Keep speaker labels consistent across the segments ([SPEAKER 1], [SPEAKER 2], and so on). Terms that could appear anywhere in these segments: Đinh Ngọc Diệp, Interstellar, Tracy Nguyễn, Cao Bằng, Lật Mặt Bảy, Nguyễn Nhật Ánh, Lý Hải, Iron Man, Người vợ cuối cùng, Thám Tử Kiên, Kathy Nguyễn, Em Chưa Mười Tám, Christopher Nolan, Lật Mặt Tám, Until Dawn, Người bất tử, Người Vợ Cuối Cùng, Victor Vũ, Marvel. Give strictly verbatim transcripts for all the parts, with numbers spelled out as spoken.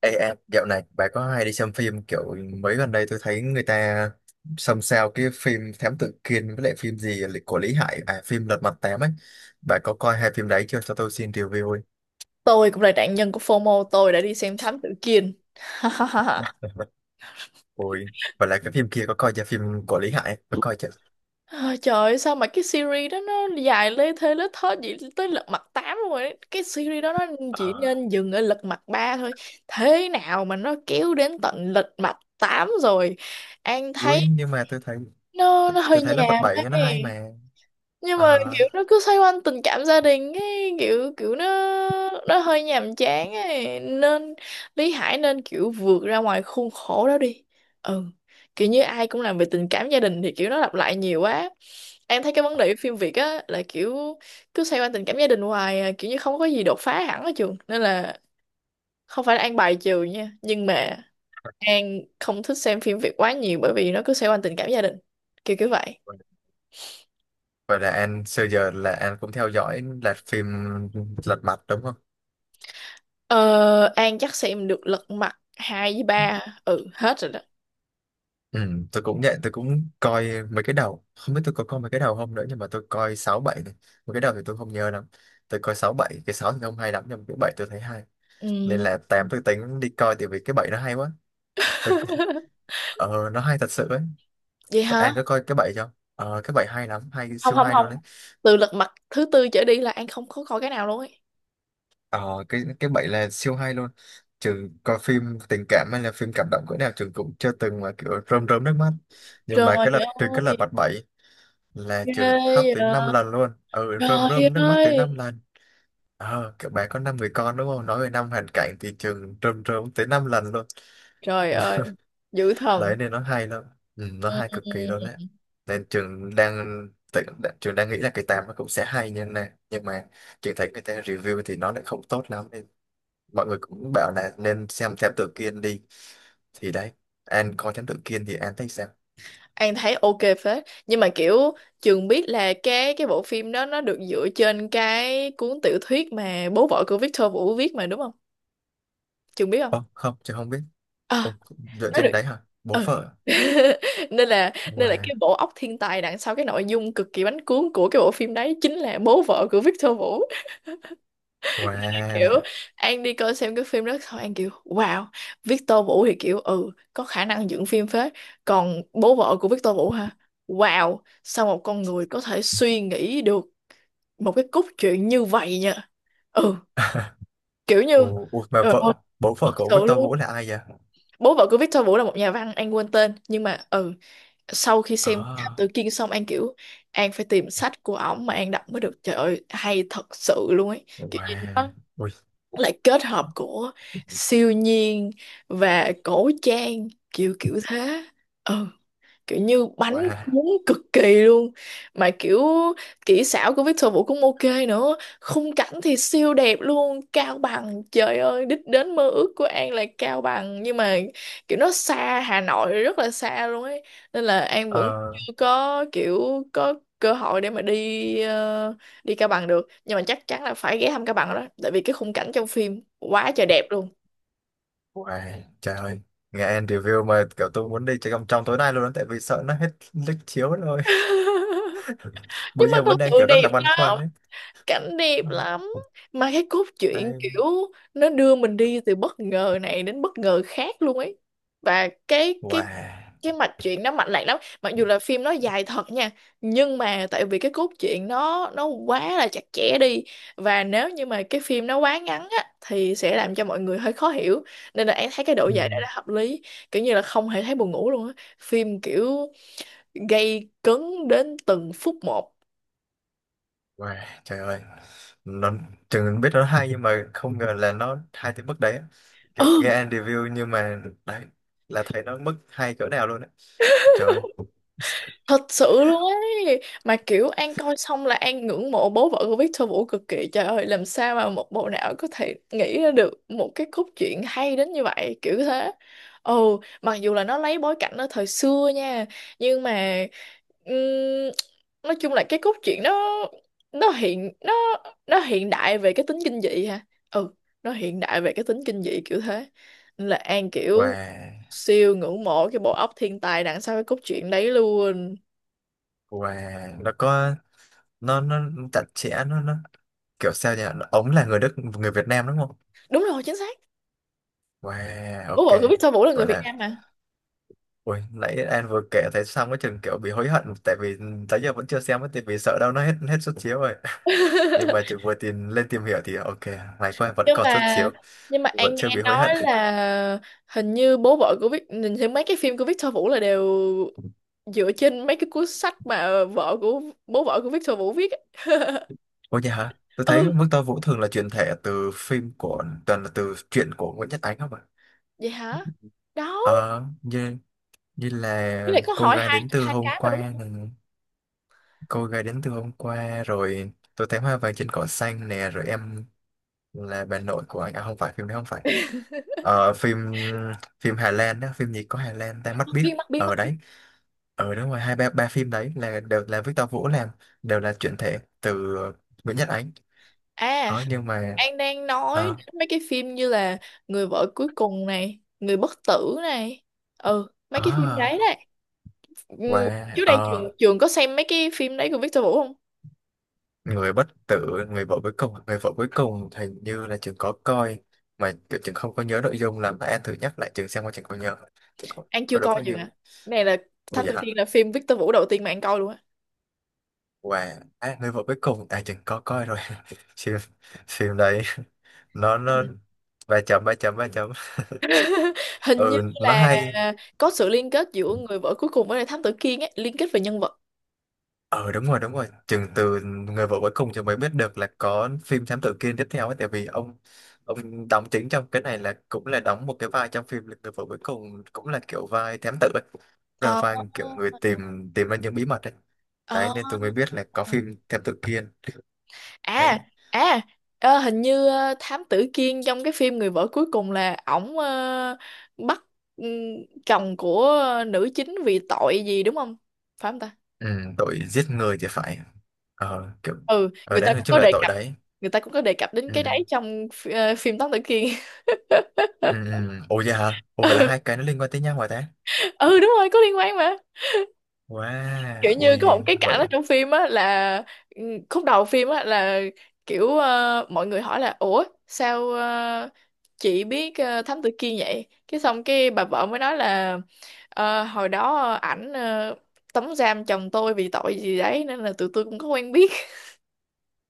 [SPEAKER 1] Ê em, dạo này bà có hay đi xem phim kiểu mấy gần đây tôi thấy người ta xôn xao cái phim Thám Tử Kiên với lại phim gì là của Lý Hải, à phim Lật Mặt Tám ấy. Bà có coi hai phim đấy chưa, cho tôi xin review ấy.
[SPEAKER 2] Tôi cũng là nạn nhân của FOMO, tôi đã đi xem Thám Tử Kiên.
[SPEAKER 1] Ôi, và lại cái phim kia có coi chưa, phim của Lý Hải có coi chưa?
[SPEAKER 2] Ôi trời ơi, sao mà cái series đó nó dài lê thê lết thớt vậy tới lật mặt tám luôn rồi đấy. Cái series đó nó chỉ
[SPEAKER 1] Ờ,
[SPEAKER 2] nên dừng ở lật mặt ba thôi. Thế nào mà nó kéo đến tận lật mặt tám rồi. An thấy
[SPEAKER 1] ui nhưng mà tôi thấy
[SPEAKER 2] nó nó
[SPEAKER 1] tôi
[SPEAKER 2] hơi
[SPEAKER 1] thấy Lật Mặt
[SPEAKER 2] nhàm
[SPEAKER 1] Bảy nó hay
[SPEAKER 2] ấy.
[SPEAKER 1] mà.
[SPEAKER 2] Nhưng mà
[SPEAKER 1] Ờ,
[SPEAKER 2] kiểu nó cứ xoay quanh tình cảm gia đình ấy, kiểu kiểu nó nó hơi nhàm chán ấy nên Lý Hải nên kiểu vượt ra ngoài khuôn khổ đó đi. Ừ, kiểu như ai cũng làm về tình cảm gia đình thì kiểu nó lặp lại nhiều quá. Em thấy cái vấn đề của phim Việt á là kiểu cứ xoay quanh tình cảm gia đình hoài à, kiểu như không có gì đột phá hẳn ở trường, nên là không phải là An bài trừ nha, nhưng mà An không thích xem phim Việt quá nhiều bởi vì nó cứ xoay quanh tình cảm gia đình, kiểu kiểu vậy.
[SPEAKER 1] vậy là anh xưa giờ là anh cũng theo dõi là phim Lật Mặt đúng không?
[SPEAKER 2] Ờ, An chắc xem được lật mặt hai với ba. Ừ, hết rồi đó.
[SPEAKER 1] Ừ, tôi cũng nhận tôi cũng coi mấy cái đầu, không biết tôi có coi mấy cái đầu không nữa nhưng mà tôi coi sáu bảy này. Mấy cái đầu thì tôi không nhớ lắm. Tôi coi sáu bảy, cái sáu thì không hay lắm nhưng mà cái bảy tôi thấy hay. Nên
[SPEAKER 2] Ừ.
[SPEAKER 1] là tám tôi tính đi coi tại vì cái bảy nó hay quá. Tôi, ờ nó hay thật sự ấy.
[SPEAKER 2] Vậy hả?
[SPEAKER 1] An có coi cái bảy không? Ờ cái bảy hay lắm, hay
[SPEAKER 2] Không,
[SPEAKER 1] siêu
[SPEAKER 2] không,
[SPEAKER 1] hay luôn
[SPEAKER 2] không.
[SPEAKER 1] đấy.
[SPEAKER 2] Từ lật mặt thứ tư trở đi là An không có coi cái nào luôn ấy.
[SPEAKER 1] Ờ cái cái bảy là siêu hay luôn. Trừ coi phim tình cảm hay là phim cảm động cỡ nào trường cũng chưa từng mà kiểu rơm rớm nước mắt. Nhưng
[SPEAKER 2] Trời
[SPEAKER 1] mà cái lật trừ cái
[SPEAKER 2] ơi,
[SPEAKER 1] lật mặt bảy là
[SPEAKER 2] ghê
[SPEAKER 1] chủ tịch khóc
[SPEAKER 2] vậy.
[SPEAKER 1] tới năm lần luôn, ừ rơm
[SPEAKER 2] Trời
[SPEAKER 1] rơm nước mắt tới năm
[SPEAKER 2] ơi.
[SPEAKER 1] lần. Ờ các bạn có năm người con đúng không, nói về năm hoàn cảnh thì trường rơm rơm tới năm lần luôn.
[SPEAKER 2] Trời ơi, dữ thần.
[SPEAKER 1] Đấy nên nó hay lắm, ừ, nó
[SPEAKER 2] Ừ.
[SPEAKER 1] hay cực kỳ luôn đấy. Nên trường đang tự- trường đang nghĩ là cái tám nó cũng sẽ hay như này nhưng mà trường thấy người ta review thì nó lại không tốt lắm, nên mọi người cũng bảo là nên xem thám tử Kiên đi, thì đấy, An coi thám tử Kiên thì An thấy sao?
[SPEAKER 2] An thấy ok phết. Nhưng mà kiểu Trường biết là cái cái bộ phim đó nó được dựa trên cái cuốn tiểu thuyết mà bố vợ của Victor Vũ viết mà đúng không? Trường biết không?
[SPEAKER 1] Ồ, không, trường không biết. Ồ, dựa
[SPEAKER 2] Nó được,
[SPEAKER 1] trên đấy hả? Bố
[SPEAKER 2] ừ.
[SPEAKER 1] vợ.
[SPEAKER 2] nên là nên là
[SPEAKER 1] Wow.
[SPEAKER 2] cái bộ óc thiên tài đằng sau cái nội dung cực kỳ bánh cuốn của cái bộ phim đấy chính là bố vợ của Victor Vũ. Kiểu
[SPEAKER 1] Wow.
[SPEAKER 2] An đi coi xem cái phim đó thôi, An kiểu wow. Victor Vũ thì kiểu ừ có khả năng dựng phim phết. Còn bố vợ của Victor Vũ hả? Wow, sao một con người có thể suy nghĩ được một cái cốt truyện như vậy nha. Ừ, kiểu như
[SPEAKER 1] Ồ, ui, mà
[SPEAKER 2] trời ơi,
[SPEAKER 1] vợ, bố
[SPEAKER 2] thật
[SPEAKER 1] vợ cậu
[SPEAKER 2] sự
[SPEAKER 1] Victor Vũ
[SPEAKER 2] luôn.
[SPEAKER 1] là ai vậy?
[SPEAKER 2] Bố vợ của Victor Vũ là một nhà văn, An quên tên, nhưng mà ừ sau khi xem Thám Tử
[SPEAKER 1] À,
[SPEAKER 2] Kiên xong An kiểu An phải tìm sách của ổng mà An đọc mới được. Trời ơi, hay thật sự luôn ấy, kiểu như
[SPEAKER 1] wow,
[SPEAKER 2] nó
[SPEAKER 1] ui,
[SPEAKER 2] lại kết hợp của siêu nhiên và cổ trang kiểu kiểu thế. Ừ, kiểu như bánh
[SPEAKER 1] wow,
[SPEAKER 2] cuốn cực kỳ luôn. Mà kiểu kỹ xảo của Victor Vũ cũng ok nữa, khung cảnh thì siêu đẹp luôn. Cao Bằng, trời ơi, đích đến mơ ước của An là Cao Bằng, nhưng mà kiểu nó xa Hà Nội rất là xa luôn ấy, nên là An vẫn
[SPEAKER 1] ờ,
[SPEAKER 2] chưa có kiểu có cơ hội để mà đi, ờ, đi Cao Bằng được, nhưng mà chắc chắn là phải ghé thăm Cao Bằng rồi đó, tại vì cái khung cảnh trong phim quá trời đẹp luôn.
[SPEAKER 1] wow, trời ơi. Nghe anh review mà kiểu tôi muốn đi chơi trong trong tối nay luôn đó, tại vì sợ nó hết lịch chiếu rồi.
[SPEAKER 2] Nhưng
[SPEAKER 1] Bây
[SPEAKER 2] mà
[SPEAKER 1] giờ vẫn
[SPEAKER 2] thật
[SPEAKER 1] đang
[SPEAKER 2] sự
[SPEAKER 1] kiểu rất
[SPEAKER 2] đẹp
[SPEAKER 1] là băn khoăn
[SPEAKER 2] lắm,
[SPEAKER 1] đấy.
[SPEAKER 2] cảnh đẹp
[SPEAKER 1] Ừ,
[SPEAKER 2] lắm, mà cái cốt truyện
[SPEAKER 1] ai-
[SPEAKER 2] kiểu nó đưa mình đi từ bất ngờ này đến bất ngờ khác luôn ấy. Và cái cái
[SPEAKER 1] Wow,
[SPEAKER 2] cái mạch truyện nó mạch lạc lắm, mặc dù là phim nó dài thật nha, nhưng mà tại vì cái cốt truyện nó nó quá là chặt chẽ đi, và nếu như mà cái phim nó quá ngắn á thì sẽ làm cho mọi người hơi khó hiểu, nên là em thấy cái độ dài đó là hợp lý, kiểu như là không hề thấy buồn ngủ luôn á, phim kiểu gây cấn đến từng phút một.
[SPEAKER 1] wow, trời ơi. Nó, chừng biết nó hay nhưng mà không ngờ là nó hay tới mức đấy á. Kiểu
[SPEAKER 2] Ừ,
[SPEAKER 1] nghe anh review nhưng mà đấy, là thấy nó mức hay cỡ nào luôn đấy. Trời, ơi,
[SPEAKER 2] thật sự luôn ấy, mà kiểu An coi xong là An ngưỡng mộ bố vợ của Victor Vũ cực kỳ. Trời ơi, làm sao mà một bộ não có thể nghĩ ra được một cái cốt truyện hay đến như vậy, kiểu thế. Ồ, mặc dù là nó lấy bối cảnh ở thời xưa nha, nhưng mà ừm, nói chung là cái cốt truyện nó nó hiện nó nó hiện đại về cái tính kinh dị ha. Ừ, nó hiện đại về cái tính kinh dị kiểu thế. Nên là An kiểu
[SPEAKER 1] wow.
[SPEAKER 2] siêu ngưỡng mộ cái bộ óc thiên tài đằng sau cái cốt truyện đấy luôn.
[SPEAKER 1] Wow, nó có nó nó chặt chẽ nó nó kiểu sao nhỉ? Ông là người Đức, người Việt Nam đúng không?
[SPEAKER 2] Đúng rồi, chính xác.
[SPEAKER 1] Wow,
[SPEAKER 2] Bố
[SPEAKER 1] ok.
[SPEAKER 2] vợ của Victor Vũ là người
[SPEAKER 1] Vậy
[SPEAKER 2] Việt
[SPEAKER 1] là
[SPEAKER 2] Nam mà.
[SPEAKER 1] ui, nãy anh vừa kể thấy xong cái chừng kiểu bị hối hận tại vì tới giờ vẫn chưa xem ấy, tại vì sợ đâu nó hết hết suất chiếu rồi. Nhưng mà chị vừa tìm lên tìm hiểu thì ok, may quá vẫn
[SPEAKER 2] nhưng
[SPEAKER 1] còn suất
[SPEAKER 2] mà
[SPEAKER 1] chiếu,
[SPEAKER 2] nhưng mà
[SPEAKER 1] vẫn
[SPEAKER 2] An
[SPEAKER 1] chưa
[SPEAKER 2] nghe
[SPEAKER 1] bị hối hận.
[SPEAKER 2] nói là hình như bố vợ của Vic nhìn thấy mấy cái phim của Victor Vũ là đều dựa trên mấy cái cuốn sách mà vợ của bố vợ của Victor Vũ viết á.
[SPEAKER 1] Ôi nhà hả? Tôi thấy
[SPEAKER 2] Ừ,
[SPEAKER 1] Mức Tơ Vũ thường là chuyển thể từ phim của toàn là từ truyện của Nguyễn Nhật Ánh không ạ?
[SPEAKER 2] vậy hả? Đó,
[SPEAKER 1] Ờ, như như
[SPEAKER 2] cái
[SPEAKER 1] là
[SPEAKER 2] này có
[SPEAKER 1] cô
[SPEAKER 2] hỏi
[SPEAKER 1] gái
[SPEAKER 2] hai
[SPEAKER 1] đến từ
[SPEAKER 2] hai
[SPEAKER 1] hôm
[SPEAKER 2] cái mà đúng
[SPEAKER 1] qua
[SPEAKER 2] không?
[SPEAKER 1] này. Cô gái đến từ hôm qua rồi tôi thấy hoa vàng trên cỏ xanh nè rồi em là bà nội của anh, à không phải phim đấy không phải, ờ, phim phim Hà Lan đó, phim gì có Hà Lan ta mắt
[SPEAKER 2] Mặt
[SPEAKER 1] biết
[SPEAKER 2] biên, mặt biên, mặt
[SPEAKER 1] ở
[SPEAKER 2] biên.
[SPEAKER 1] đấy ở. Đúng rồi hai ba ba phim đấy là đều là Victor Vũ làm, đều là chuyển thể từ Nguyễn Nhật Ánh.
[SPEAKER 2] À,
[SPEAKER 1] Ờ nhưng mà
[SPEAKER 2] An đang nói
[SPEAKER 1] ờ
[SPEAKER 2] đến mấy cái phim như là Người vợ cuối cùng này, Người bất tử này. Ừ, mấy
[SPEAKER 1] ờ
[SPEAKER 2] cái phim đấy đấy.
[SPEAKER 1] wow
[SPEAKER 2] Ừ, trước đây trường
[SPEAKER 1] ờ
[SPEAKER 2] trường có xem mấy cái phim đấy của Victor Vũ không?
[SPEAKER 1] người bất tử, người vợ cuối cùng, người vợ cuối cùng hình như là trường có coi mà kiểu trường không có nhớ nội dung, làm bạn thử nhắc lại trường xem qua trường có nhớ, trường có,
[SPEAKER 2] An
[SPEAKER 1] có
[SPEAKER 2] chưa
[SPEAKER 1] đúng
[SPEAKER 2] coi
[SPEAKER 1] hay
[SPEAKER 2] trường
[SPEAKER 1] không.
[SPEAKER 2] à? Này là
[SPEAKER 1] Ủa
[SPEAKER 2] Thám Tử Kiên
[SPEAKER 1] dạ.
[SPEAKER 2] là phim Victor Vũ đầu tiên mà An coi luôn á.
[SPEAKER 1] Và à, người vợ cuối cùng à trường có coi rồi. Phim phim đấy nó nó ba chấm ba chấm ba chấm,
[SPEAKER 2] Hình như
[SPEAKER 1] ừ nó
[SPEAKER 2] là
[SPEAKER 1] hay.
[SPEAKER 2] có sự liên kết giữa người vợ cuối cùng với lại Thám Tử Kiên ấy, liên kết về nhân vật.
[SPEAKER 1] Ờ đúng rồi đúng rồi, Chừng từ người vợ cuối cùng thì mới biết được là có phim Thám Tử Kiên tiếp theo ấy. Tại vì ông ông đóng chính trong cái này là cũng là đóng một cái vai trong phim Người vợ cuối cùng cũng là kiểu vai thám tử ấy. Rồi
[SPEAKER 2] Ờ.
[SPEAKER 1] vai kiểu người tìm tìm ra những bí mật ấy. Đấy
[SPEAKER 2] Ờ.
[SPEAKER 1] nên tôi mới biết là có phim Thám Tử Kiên.
[SPEAKER 2] À,
[SPEAKER 1] Đấy.
[SPEAKER 2] à, ờ, hình như ờ, Thám Tử Kiên trong cái phim Người vợ cuối cùng là ổng ờ, bắt ừm, chồng của nữ chính vì tội gì đúng không? Phải không ta?
[SPEAKER 1] Ừ, tội giết người thì phải. Ờ kiểu
[SPEAKER 2] Ừ,
[SPEAKER 1] ở
[SPEAKER 2] người
[SPEAKER 1] đấy
[SPEAKER 2] ta
[SPEAKER 1] nói
[SPEAKER 2] cũng
[SPEAKER 1] chung
[SPEAKER 2] có
[SPEAKER 1] là
[SPEAKER 2] đề
[SPEAKER 1] tội
[SPEAKER 2] cập
[SPEAKER 1] đấy.
[SPEAKER 2] người ta cũng có đề cập đến
[SPEAKER 1] Ừ.
[SPEAKER 2] cái đấy trong phi- ờ, phim Thám Tử Kiên.
[SPEAKER 1] Ừ. Ừ. Ồ vậy hả? Ồ vậy là
[SPEAKER 2] Ừ,
[SPEAKER 1] hai cái nó liên quan tới nhau hả ta?
[SPEAKER 2] ừ đúng rồi, có liên quan mà.
[SPEAKER 1] Wow,
[SPEAKER 2] Kiểu như có
[SPEAKER 1] ôi
[SPEAKER 2] một cái cảnh
[SPEAKER 1] vậy.
[SPEAKER 2] ở trong phim á là ừ, khúc đầu phim á là kiểu ờ, mọi người hỏi là ủa sao ờ, chị biết ờ, Thám Tử Kiên vậy, cái xong cái bà vợ mới nói là "Ờ, hồi đó ờ, ảnh ờ, tống giam chồng tôi vì tội gì đấy nên là tụi tôi cũng có quen biết."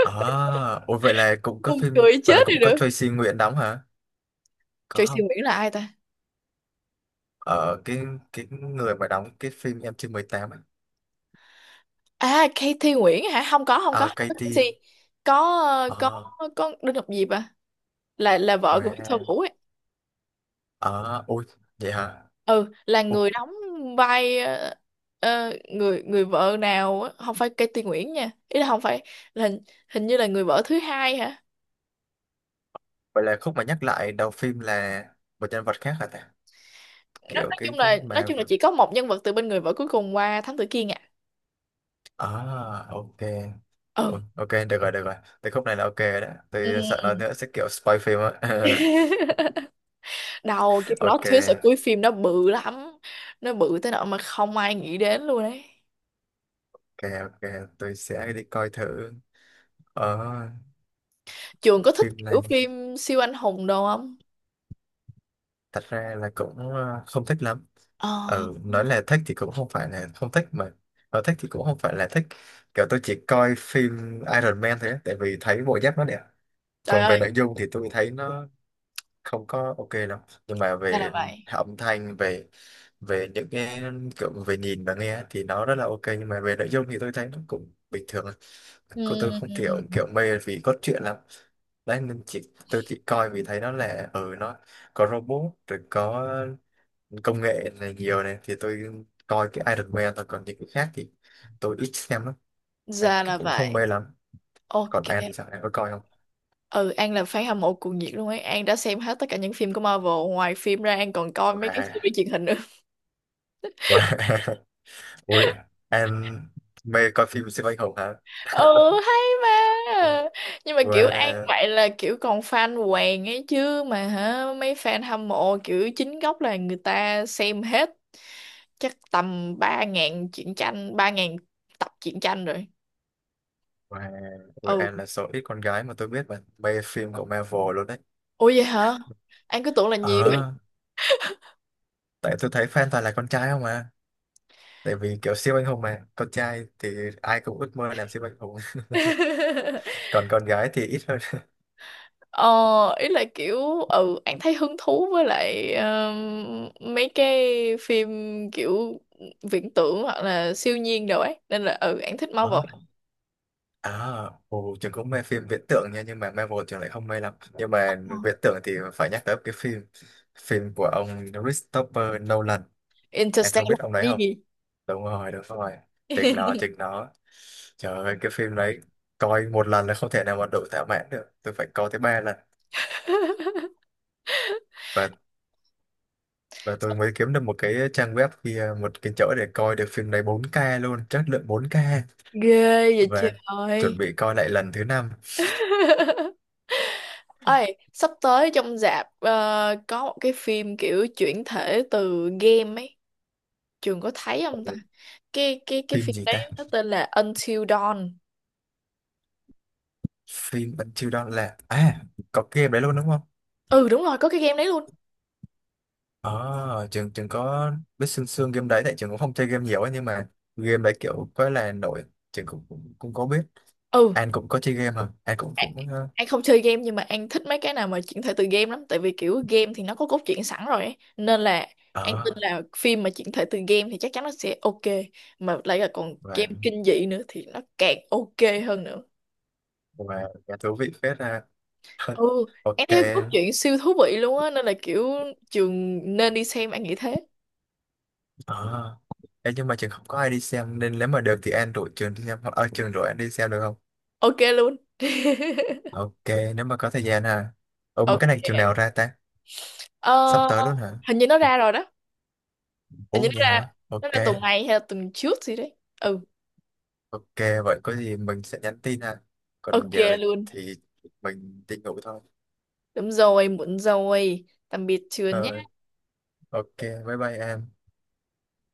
[SPEAKER 1] À, ôi vậy là cũng có
[SPEAKER 2] Buồn
[SPEAKER 1] phim,
[SPEAKER 2] cười
[SPEAKER 1] vậy là
[SPEAKER 2] chết đi
[SPEAKER 1] cũng có
[SPEAKER 2] được.
[SPEAKER 1] Tracy Nguyễn đóng hả? Có
[SPEAKER 2] Tracy
[SPEAKER 1] không?
[SPEAKER 2] Nguyễn là ai ta?
[SPEAKER 1] Ở cái cái người mà đóng cái phim Em chưa mười tám, ấy.
[SPEAKER 2] À, Kathy Nguyễn hả? Không có, không có,
[SPEAKER 1] À,
[SPEAKER 2] không có Kathy.
[SPEAKER 1] Katie.
[SPEAKER 2] Có ờ, có
[SPEAKER 1] Ờ,
[SPEAKER 2] có Đinh Ngọc Diệp à? Là là vợ của Victor
[SPEAKER 1] wow.
[SPEAKER 2] Vũ ấy.
[SPEAKER 1] Ờ, ôi, vậy hả?
[SPEAKER 2] Ừ, là
[SPEAKER 1] Ồ,
[SPEAKER 2] người đóng vai ờ, ờ, người người vợ nào á, không phải Kathy Nguyễn nha. Ý là không phải là hình, hình như là người vợ thứ hai hả?
[SPEAKER 1] vậy là khúc mà nhắc lại đầu phim là một nhân vật khác hả ta?
[SPEAKER 2] Nói,
[SPEAKER 1] Kiểu
[SPEAKER 2] nói
[SPEAKER 1] cái
[SPEAKER 2] chung là nói
[SPEAKER 1] mà...
[SPEAKER 2] chung là chỉ có một nhân vật từ bên người vợ cuối cùng qua Thám Tử Kiên à.
[SPEAKER 1] À, ok.
[SPEAKER 2] Ừ.
[SPEAKER 1] Ôi, ok, được rồi, được rồi. Từ khúc này là ok đó. Tôi sợ
[SPEAKER 2] Ừ.
[SPEAKER 1] nói nữa sẽ kiểu spoil phim á.
[SPEAKER 2] Đầu cái plot
[SPEAKER 1] Ok,
[SPEAKER 2] twist ở cuối phim nó bự lắm. Nó bự tới nỗi mà không ai nghĩ đến luôn đấy.
[SPEAKER 1] ok, ok. Tôi sẽ đi coi thử. Ờ,
[SPEAKER 2] Trường có thích
[SPEAKER 1] phim
[SPEAKER 2] kiểu
[SPEAKER 1] này.
[SPEAKER 2] phim siêu anh hùng đâu không?
[SPEAKER 1] Thật ra là cũng ờ, không thích lắm,
[SPEAKER 2] Ờ,
[SPEAKER 1] ừ nói là thích thì cũng không phải là không thích, mà nói thích thì cũng không phải là thích, kiểu tôi chỉ coi phim Iron Man thôi á, tại vì thấy bộ giáp nó đẹp.
[SPEAKER 2] trời
[SPEAKER 1] Còn về
[SPEAKER 2] ơi,
[SPEAKER 1] nội dung thì tôi thấy nó không có ok lắm, nhưng mà
[SPEAKER 2] ra là
[SPEAKER 1] về
[SPEAKER 2] vậy.
[SPEAKER 1] âm thanh về về những cái kiểu về nhìn và nghe thì nó rất là ok nhưng mà về nội dung thì tôi thấy nó cũng bình thường, cô tôi không kiểu
[SPEAKER 2] Ừm,
[SPEAKER 1] kiểu mê vì cốt truyện lắm. Đấy nên chỉ tôi chỉ coi vì thấy nó là ừ nó có robot rồi có công nghệ này nhiều này thì tôi coi cái Iron Man thôi, còn những cái khác thì tôi ít xem lắm. À,
[SPEAKER 2] ra
[SPEAKER 1] cái
[SPEAKER 2] là
[SPEAKER 1] cũng không
[SPEAKER 2] vậy.
[SPEAKER 1] mê lắm.
[SPEAKER 2] Ok.
[SPEAKER 1] Còn An thì sao, An có coi không?
[SPEAKER 2] Ừ, An là fan hâm mộ cuồng nhiệt luôn ấy. An đã xem hết tất cả những phim của Marvel. Ngoài phim ra, An còn coi mấy cái
[SPEAKER 1] Wow,
[SPEAKER 2] series truyền hình nữa.
[SPEAKER 1] wow. Ui An mê coi phim siêu anh hùng hả?
[SPEAKER 2] Ừ, hay mà.
[SPEAKER 1] Wow,
[SPEAKER 2] Nhưng mà kiểu An vậy là kiểu còn fan hoàng ấy chứ. Mà hả, mấy fan hâm mộ kiểu chính gốc là người ta xem hết chắc tầm ba ngàn truyện tranh, ba ngàn tập truyện tranh rồi.
[SPEAKER 1] wow, ui
[SPEAKER 2] Ừ.
[SPEAKER 1] An là số ít con gái mà tôi biết mà mê phim của Marvel luôn đấy.
[SPEAKER 2] Ủa vậy hả? An cứ tưởng là nhiều.
[SPEAKER 1] Ờ tại tôi thấy fan toàn là con trai không mà, tại vì kiểu siêu anh hùng mà con trai thì ai cũng ước mơ làm siêu anh hùng. Còn con gái thì ít hơn.
[SPEAKER 2] Ờ, ý là kiểu ừ An thấy hứng thú với lại um, mấy cái phim kiểu viễn tưởng hoặc là siêu nhiên đồ ấy, nên là ừ An thích Marvel.
[SPEAKER 1] Ờ. À, ồ, Trường cũng mê phim viễn tưởng nha, nhưng mà Marvel Trường lại không mê lắm. Nhưng
[SPEAKER 2] Ờ.
[SPEAKER 1] mà viễn tưởng thì phải nhắc tới cái phim phim của ông Christopher Nolan. Anh không
[SPEAKER 2] Interstellar
[SPEAKER 1] biết ông đấy
[SPEAKER 2] cái
[SPEAKER 1] không?
[SPEAKER 2] gì?
[SPEAKER 1] Đúng rồi, đúng rồi. Chính nó, chính nó. Trời ơi, cái phim đấy coi một lần là không thể nào mà đủ thỏa mãn được. Tôi phải coi tới ba lần. Và và tôi mới kiếm được một cái trang web kia, một cái chỗ để coi được phim đấy bốn k luôn, chất lượng bốn k.
[SPEAKER 2] Ghê vậy
[SPEAKER 1] Và chuẩn
[SPEAKER 2] trời.
[SPEAKER 1] bị coi lại lần thứ năm.
[SPEAKER 2] Ơi, sắp tới trong rạp ờ, có một cái phim kiểu chuyển thể từ game ấy. Trường có thấy không ta?
[SPEAKER 1] Ồ,
[SPEAKER 2] Cái cái cái
[SPEAKER 1] phim
[SPEAKER 2] phim
[SPEAKER 1] gì
[SPEAKER 2] đấy
[SPEAKER 1] ta?
[SPEAKER 2] nó tên là Until Dawn.
[SPEAKER 1] Phim Until Dawn là à có game đấy luôn đúng không?
[SPEAKER 2] Ừ đúng rồi, có cái game đấy luôn.
[SPEAKER 1] Ờ trường trường có biết sương sương game đấy tại trường cũng không chơi game nhiều ấy, nhưng mà game đấy kiểu có là nổi, trường cũng, cũng cũng có biết.
[SPEAKER 2] ừ
[SPEAKER 1] An cũng có chơi game hả, An cũng
[SPEAKER 2] An
[SPEAKER 1] cũng ờ
[SPEAKER 2] An không chơi game, nhưng mà An thích mấy cái nào mà chuyển thể từ game lắm, tại vì kiểu game thì nó có cốt truyện sẵn rồi ấy, nên là An tin
[SPEAKER 1] ờ,
[SPEAKER 2] là phim mà chuyển thể từ game thì chắc chắn nó sẽ ok, mà lại là còn
[SPEAKER 1] và
[SPEAKER 2] game kinh dị nữa thì nó càng ok hơn nữa.
[SPEAKER 1] và và thú vị phết ra.
[SPEAKER 2] ừ
[SPEAKER 1] Ok.
[SPEAKER 2] An thấy cốt truyện siêu thú vị luôn á, nên là kiểu trường nên đi xem, An nghĩ thế.
[SPEAKER 1] Ờ. Ê, nhưng mà trường không có ai đi xem nên nếu mà được thì An rủ trường đi xem hoặc ở trường rủ An đi xem được không?
[SPEAKER 2] Ok luôn.
[SPEAKER 1] Ok nếu mà có thời gian hả. Ủa mà cái
[SPEAKER 2] Ok.
[SPEAKER 1] này trường nào ra ta, sắp
[SPEAKER 2] Ờ,
[SPEAKER 1] tới luôn hả?
[SPEAKER 2] hình như nó ra rồi đó. Hình như
[SPEAKER 1] Ủa
[SPEAKER 2] nó
[SPEAKER 1] vậy
[SPEAKER 2] ra
[SPEAKER 1] hả,
[SPEAKER 2] nó
[SPEAKER 1] ok.
[SPEAKER 2] ra tuần này hay là tuần trước gì đấy. Ừ.
[SPEAKER 1] Ok, vậy có gì mình sẽ nhắn tin ha. Còn
[SPEAKER 2] Ok
[SPEAKER 1] giờ
[SPEAKER 2] luôn.
[SPEAKER 1] thì mình đi ngủ thôi.
[SPEAKER 2] Đúng rồi, muộn rồi. Tạm biệt trường
[SPEAKER 1] Ờ,
[SPEAKER 2] nhé.
[SPEAKER 1] ok, bye bye em.